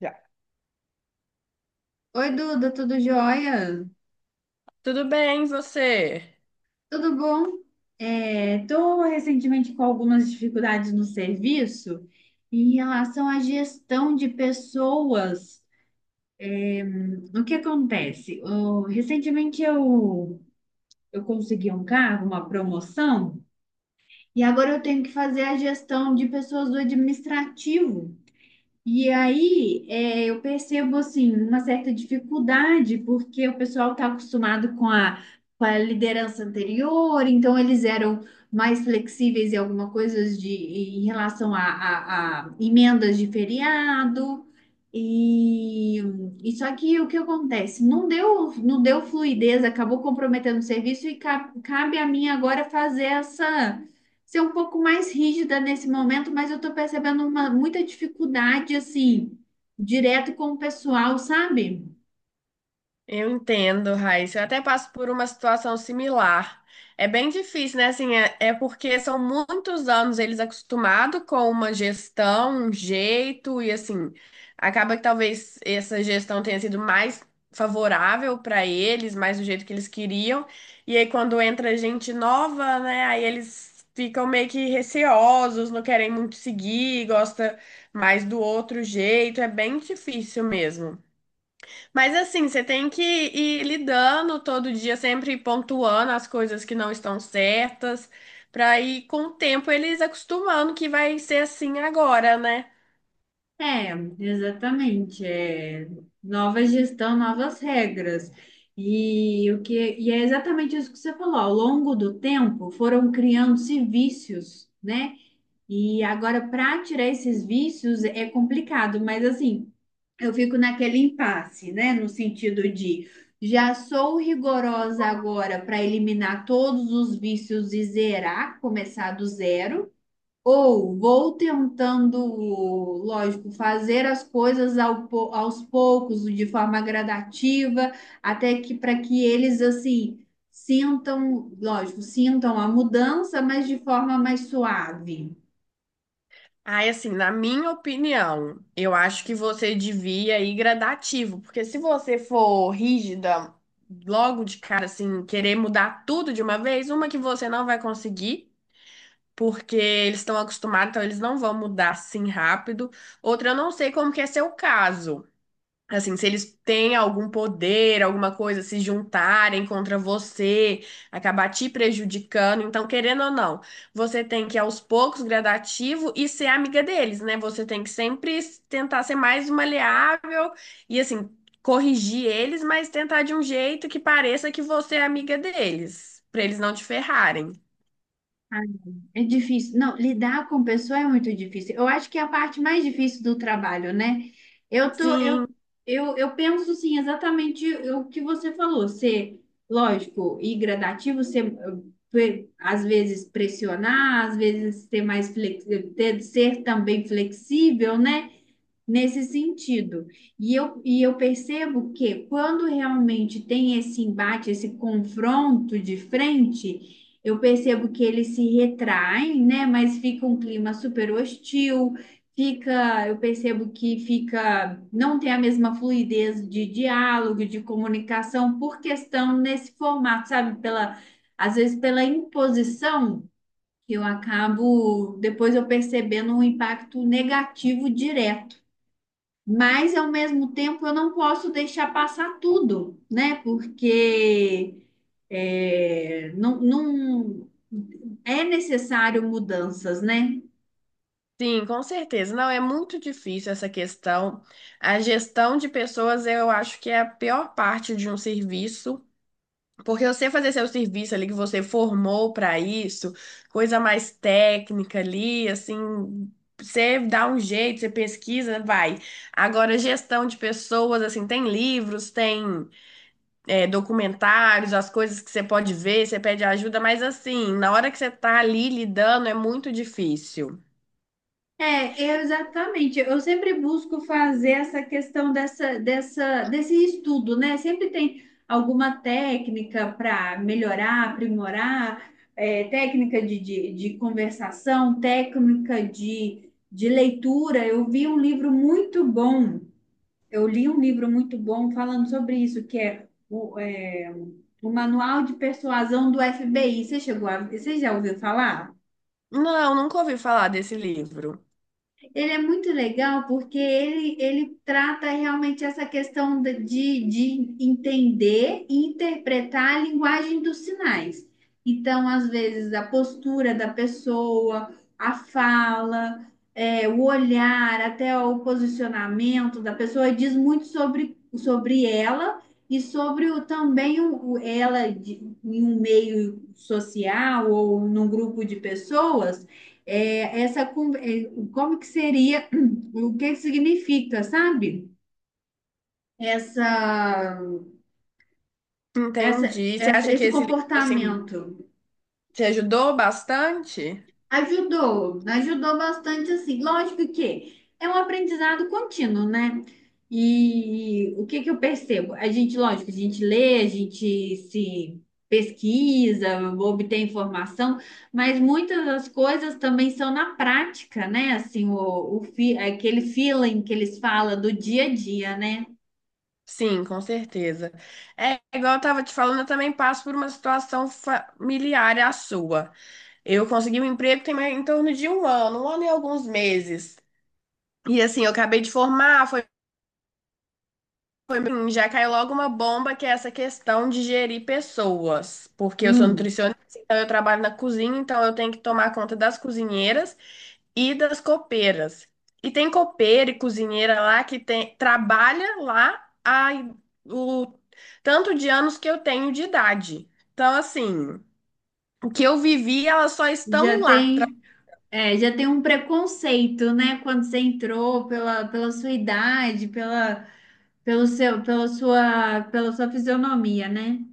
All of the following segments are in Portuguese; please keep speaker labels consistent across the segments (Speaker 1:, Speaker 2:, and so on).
Speaker 1: Já.
Speaker 2: Oi, Duda, tudo jóia?
Speaker 1: Tudo bem, e você?
Speaker 2: Tudo bom? Estou recentemente com algumas dificuldades no serviço em relação à gestão de pessoas. O que acontece? Recentemente eu consegui um cargo, uma promoção, e agora eu tenho que fazer a gestão de pessoas do administrativo. E aí, eu percebo, assim, uma certa dificuldade, porque o pessoal está acostumado com a liderança anterior, então eles eram mais flexíveis em alguma coisa em relação a emendas de feriado. E, e só que o que acontece? Não deu fluidez, acabou comprometendo o serviço e cabe a mim agora fazer essa ser um pouco mais rígida nesse momento, mas eu tô percebendo uma muita dificuldade assim, direto com o pessoal, sabe?
Speaker 1: Eu entendo, Raíssa. Eu até passo por uma situação similar. É bem difícil, né? Assim, é porque são muitos anos eles acostumados com uma gestão, um jeito, e assim, acaba que talvez essa gestão tenha sido mais favorável para eles, mais do jeito que eles queriam. E aí, quando entra gente nova, né? Aí eles ficam meio que receosos, não querem muito seguir, gosta mais do outro jeito. É bem difícil mesmo. Mas assim, você tem que ir lidando todo dia, sempre pontuando as coisas que não estão certas, para ir com o tempo eles acostumando que vai ser assim agora, né?
Speaker 2: É, exatamente. É nova gestão, novas regras. E é exatamente isso que você falou. Ao longo do tempo, foram criando-se vícios, né? E agora, para tirar esses vícios é complicado, mas assim. Eu fico naquele impasse, né? No sentido de já sou rigorosa agora para eliminar todos os vícios e zerar, começar do zero, ou vou tentando, lógico, fazer as coisas aos poucos, de forma gradativa, até que para que eles assim sintam, lógico, sintam a mudança, mas de forma mais suave.
Speaker 1: Aí, assim, na minha opinião, eu acho que você devia ir gradativo, porque se você for rígida logo de cara, assim, querer mudar tudo de uma vez, uma que você não vai conseguir, porque eles estão acostumados, então eles não vão mudar assim rápido. Outra, eu não sei como que é seu caso. Assim, se eles têm algum poder, alguma coisa, se juntarem contra você, acabar te prejudicando. Então, querendo ou não, você tem que ir aos poucos, gradativo, e ser amiga deles, né? Você tem que sempre tentar ser mais maleável e, assim, corrigir eles, mas tentar de um jeito que pareça que você é amiga deles, pra eles não te ferrarem.
Speaker 2: Ah, é difícil. Não, lidar com pessoa é muito difícil. Eu acho que é a parte mais difícil do trabalho, né? Eu tô,
Speaker 1: Sim.
Speaker 2: Eu penso assim, exatamente o que você falou, ser, lógico, e gradativo, ser às vezes pressionar, às vezes ter mais flexível, ser também flexível, né? Nesse sentido. E eu percebo que quando realmente tem esse embate, esse confronto de frente, eu percebo que eles se retraem, né? Mas fica um clima super hostil, eu percebo que fica, não tem a mesma fluidez de diálogo, de comunicação por questão nesse formato, sabe? Às vezes pela imposição. Eu acabo, depois eu percebendo um impacto negativo direto. Mas, ao mesmo tempo, eu não posso deixar passar tudo, né? Porque é, não, não- é necessário mudanças, né?
Speaker 1: Sim, com certeza. Não, é muito difícil essa questão. A gestão de pessoas eu acho que é a pior parte de um serviço, porque você fazer seu serviço ali que você formou para isso, coisa mais técnica ali, assim, você dá um jeito, você pesquisa, vai. Agora, gestão de pessoas, assim, tem livros, tem documentários, as coisas que você pode ver, você pede ajuda, mas assim, na hora que você tá ali lidando, é muito difícil.
Speaker 2: Exatamente. Eu sempre busco fazer essa questão desse estudo, né? Sempre tem alguma técnica para melhorar, aprimorar, é, técnica de conversação, técnica de leitura. Eu vi um livro muito bom. Eu li um livro muito bom falando sobre isso, que é o Manual de Persuasão do FBI. Você já ouviu falar?
Speaker 1: Não, nunca ouvi falar desse livro.
Speaker 2: Ele é muito legal porque ele trata realmente essa questão de entender e interpretar a linguagem dos sinais. Então, às vezes, a postura da pessoa, a fala, é, o olhar, até o posicionamento da pessoa diz muito sobre ela e sobre o, também o- ela em um meio social ou num grupo de pessoas é, essa, é, como que seria, o que que significa, sabe? Essa, essa,
Speaker 1: Entendi. Você acha que
Speaker 2: Esse
Speaker 1: esse livro, assim,
Speaker 2: comportamento.
Speaker 1: te ajudou bastante?
Speaker 2: Ajudou, ajudou bastante assim. Lógico que é um aprendizado contínuo, né? E o que que eu percebo? A gente, lógico, a gente lê, a gente se pesquisa, obtém informação, mas muitas das coisas também são na prática, né? Assim, aquele feeling que eles falam do dia a dia, né?
Speaker 1: Sim, com certeza. É, igual eu estava te falando, eu também passo por uma situação familiar à sua. Eu consegui um emprego tem mais- em torno de um ano e alguns meses. E assim, eu acabei de formar, foi bem, já caiu logo uma bomba que é essa questão de gerir pessoas. Porque eu sou
Speaker 2: Hum,
Speaker 1: nutricionista, então eu trabalho na cozinha, então eu tenho que tomar conta das cozinheiras e das copeiras. E tem copeira e cozinheira lá que tem, trabalha lá há o tanto de anos que eu tenho de idade. Então, assim, o que eu vivi, elas só estão
Speaker 2: já
Speaker 1: lá.
Speaker 2: tem, Já tem um preconceito, né? Quando você entrou pela sua idade, pela pelo pela sua fisionomia, né?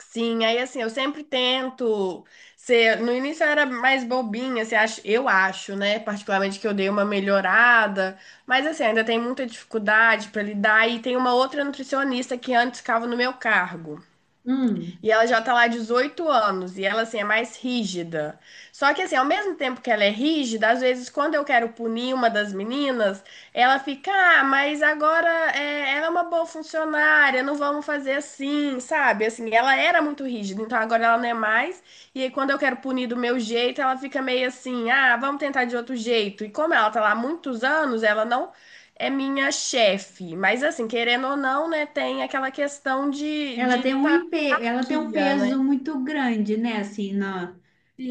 Speaker 1: Sim, aí assim, eu sempre tento ser. No início eu era mais bobinha, você acho eu acho, né? Particularmente que eu dei uma melhorada, mas assim, ainda tem muita dificuldade para lidar. E tem uma outra nutricionista que antes ficava no meu cargo.
Speaker 2: Hum.
Speaker 1: E ela já tá lá há 18 anos e ela assim é mais rígida. Só que assim, ao mesmo tempo que ela é rígida, às vezes quando eu quero punir uma das meninas, ela fica, ah, mas agora ela é uma boa funcionária, não vamos fazer assim, sabe? Assim, ela era muito rígida, então agora ela não é mais. E aí, quando eu quero punir do meu jeito, ela fica meio assim, ah, vamos tentar de outro jeito. E como ela tá lá há muitos anos, ela não é minha chefe. Mas assim, querendo ou não, né, tem aquela questão de
Speaker 2: Ela
Speaker 1: de
Speaker 2: tem um,
Speaker 1: tá
Speaker 2: empe- Ela tem um
Speaker 1: hierarquia,
Speaker 2: peso
Speaker 1: né?
Speaker 2: muito grande, né? Assim, na,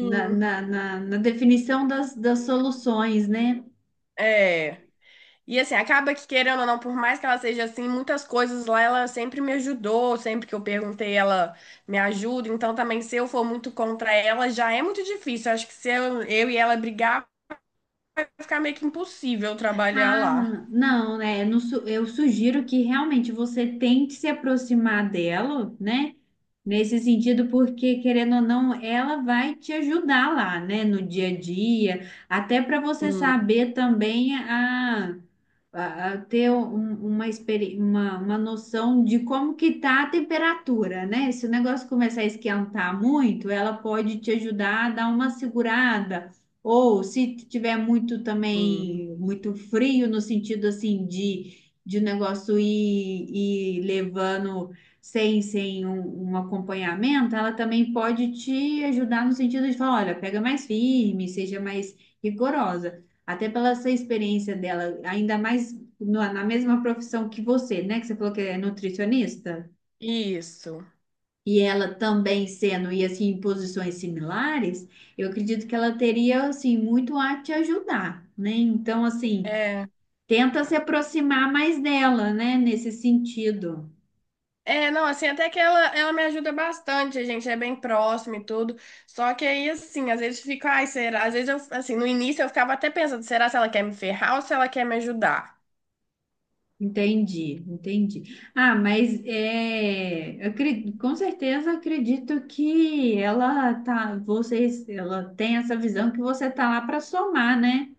Speaker 2: na, na definição das, das soluções, né?
Speaker 1: É. E assim, acaba que querendo ou não, por mais que ela seja assim, muitas coisas lá ela sempre me ajudou, sempre que eu perguntei, ela me ajuda. Então também, se eu for muito contra ela, já é muito difícil. Acho que se eu e ela brigar, vai ficar meio que impossível trabalhar lá.
Speaker 2: Ah, não, né? no su- Eu sugiro que realmente você tente se aproximar dela, né? Nesse sentido, porque querendo ou não, ela vai te ajudar lá, né? No dia a dia, até para você
Speaker 1: Sim,
Speaker 2: saber também a ter um- uma, experi- uma noção de como que tá a temperatura, né? Se o negócio começar a esquentar muito, ela pode te ajudar a dar uma segurada. Ou se tiver muito
Speaker 1: sim.
Speaker 2: também, muito frio, no sentido assim de, de o negócio ir, ir levando sem um acompanhamento, ela também pode te ajudar no sentido de falar, olha, pega mais firme, seja mais rigorosa. Até pela essa experiência dela, ainda mais na mesma profissão que você, né? Que você falou que é nutricionista.
Speaker 1: Isso.
Speaker 2: E ela também sendo, e assim, em posições similares, eu acredito que ela teria, assim, muito a te ajudar, né? Então, assim,
Speaker 1: É.
Speaker 2: tenta se aproximar mais dela, né? Nesse sentido.
Speaker 1: É, não, assim, até que ela me ajuda bastante, a gente é bem próximo e tudo. Só que aí, assim, às vezes fica, ai, será? Às vezes eu, assim, no início eu ficava até pensando, será se ela quer me ferrar ou se ela quer me ajudar?
Speaker 2: Entendi, entendi. Ah, mas é, com certeza acredito que ela tá, vocês, ela tem essa visão que você tá lá para somar, né?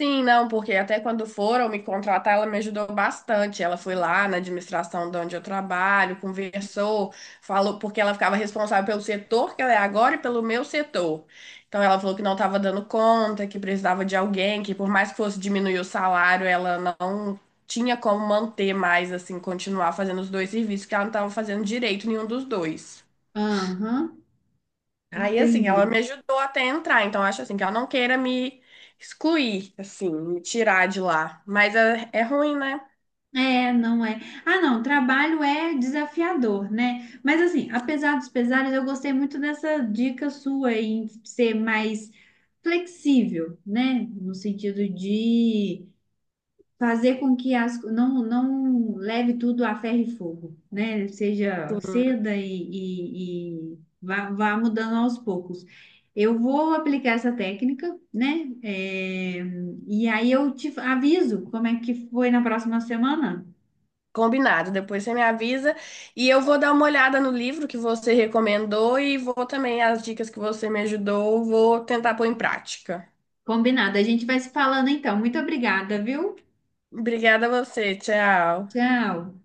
Speaker 1: Sim, não, porque até quando foram me contratar, ela me ajudou bastante. Ela foi lá na administração de onde eu trabalho, conversou, falou, porque ela ficava responsável pelo setor que ela é agora e pelo meu setor. Então ela falou que não estava dando conta, que precisava de alguém, que por mais que fosse diminuir o salário, ela não tinha como manter mais, assim, continuar fazendo os dois serviços, que ela não estava fazendo direito nenhum dos dois.
Speaker 2: Aham,
Speaker 1: Aí, assim, ela
Speaker 2: entendi.
Speaker 1: me ajudou até entrar, então acho assim que ela não queira me excluir, assim, me tirar de lá. Mas é, é ruim, né?
Speaker 2: É, não é. Ah, não, trabalho é desafiador, né? Mas assim, apesar dos pesares, eu gostei muito dessa dica sua em ser mais flexível, né? No sentido de fazer com que as, não, não leve tudo a ferro e fogo, né? Seja ceda e vá, vá mudando aos poucos. Eu vou aplicar essa técnica, né? É, e aí eu te aviso como é que foi na próxima semana.
Speaker 1: Combinado, depois você me avisa e eu vou dar uma olhada no livro que você recomendou e vou também, as dicas que você me ajudou, vou tentar pôr em prática.
Speaker 2: Combinado. A gente vai se falando então. Muito obrigada, viu?
Speaker 1: Obrigada a você, tchau.
Speaker 2: Tchau.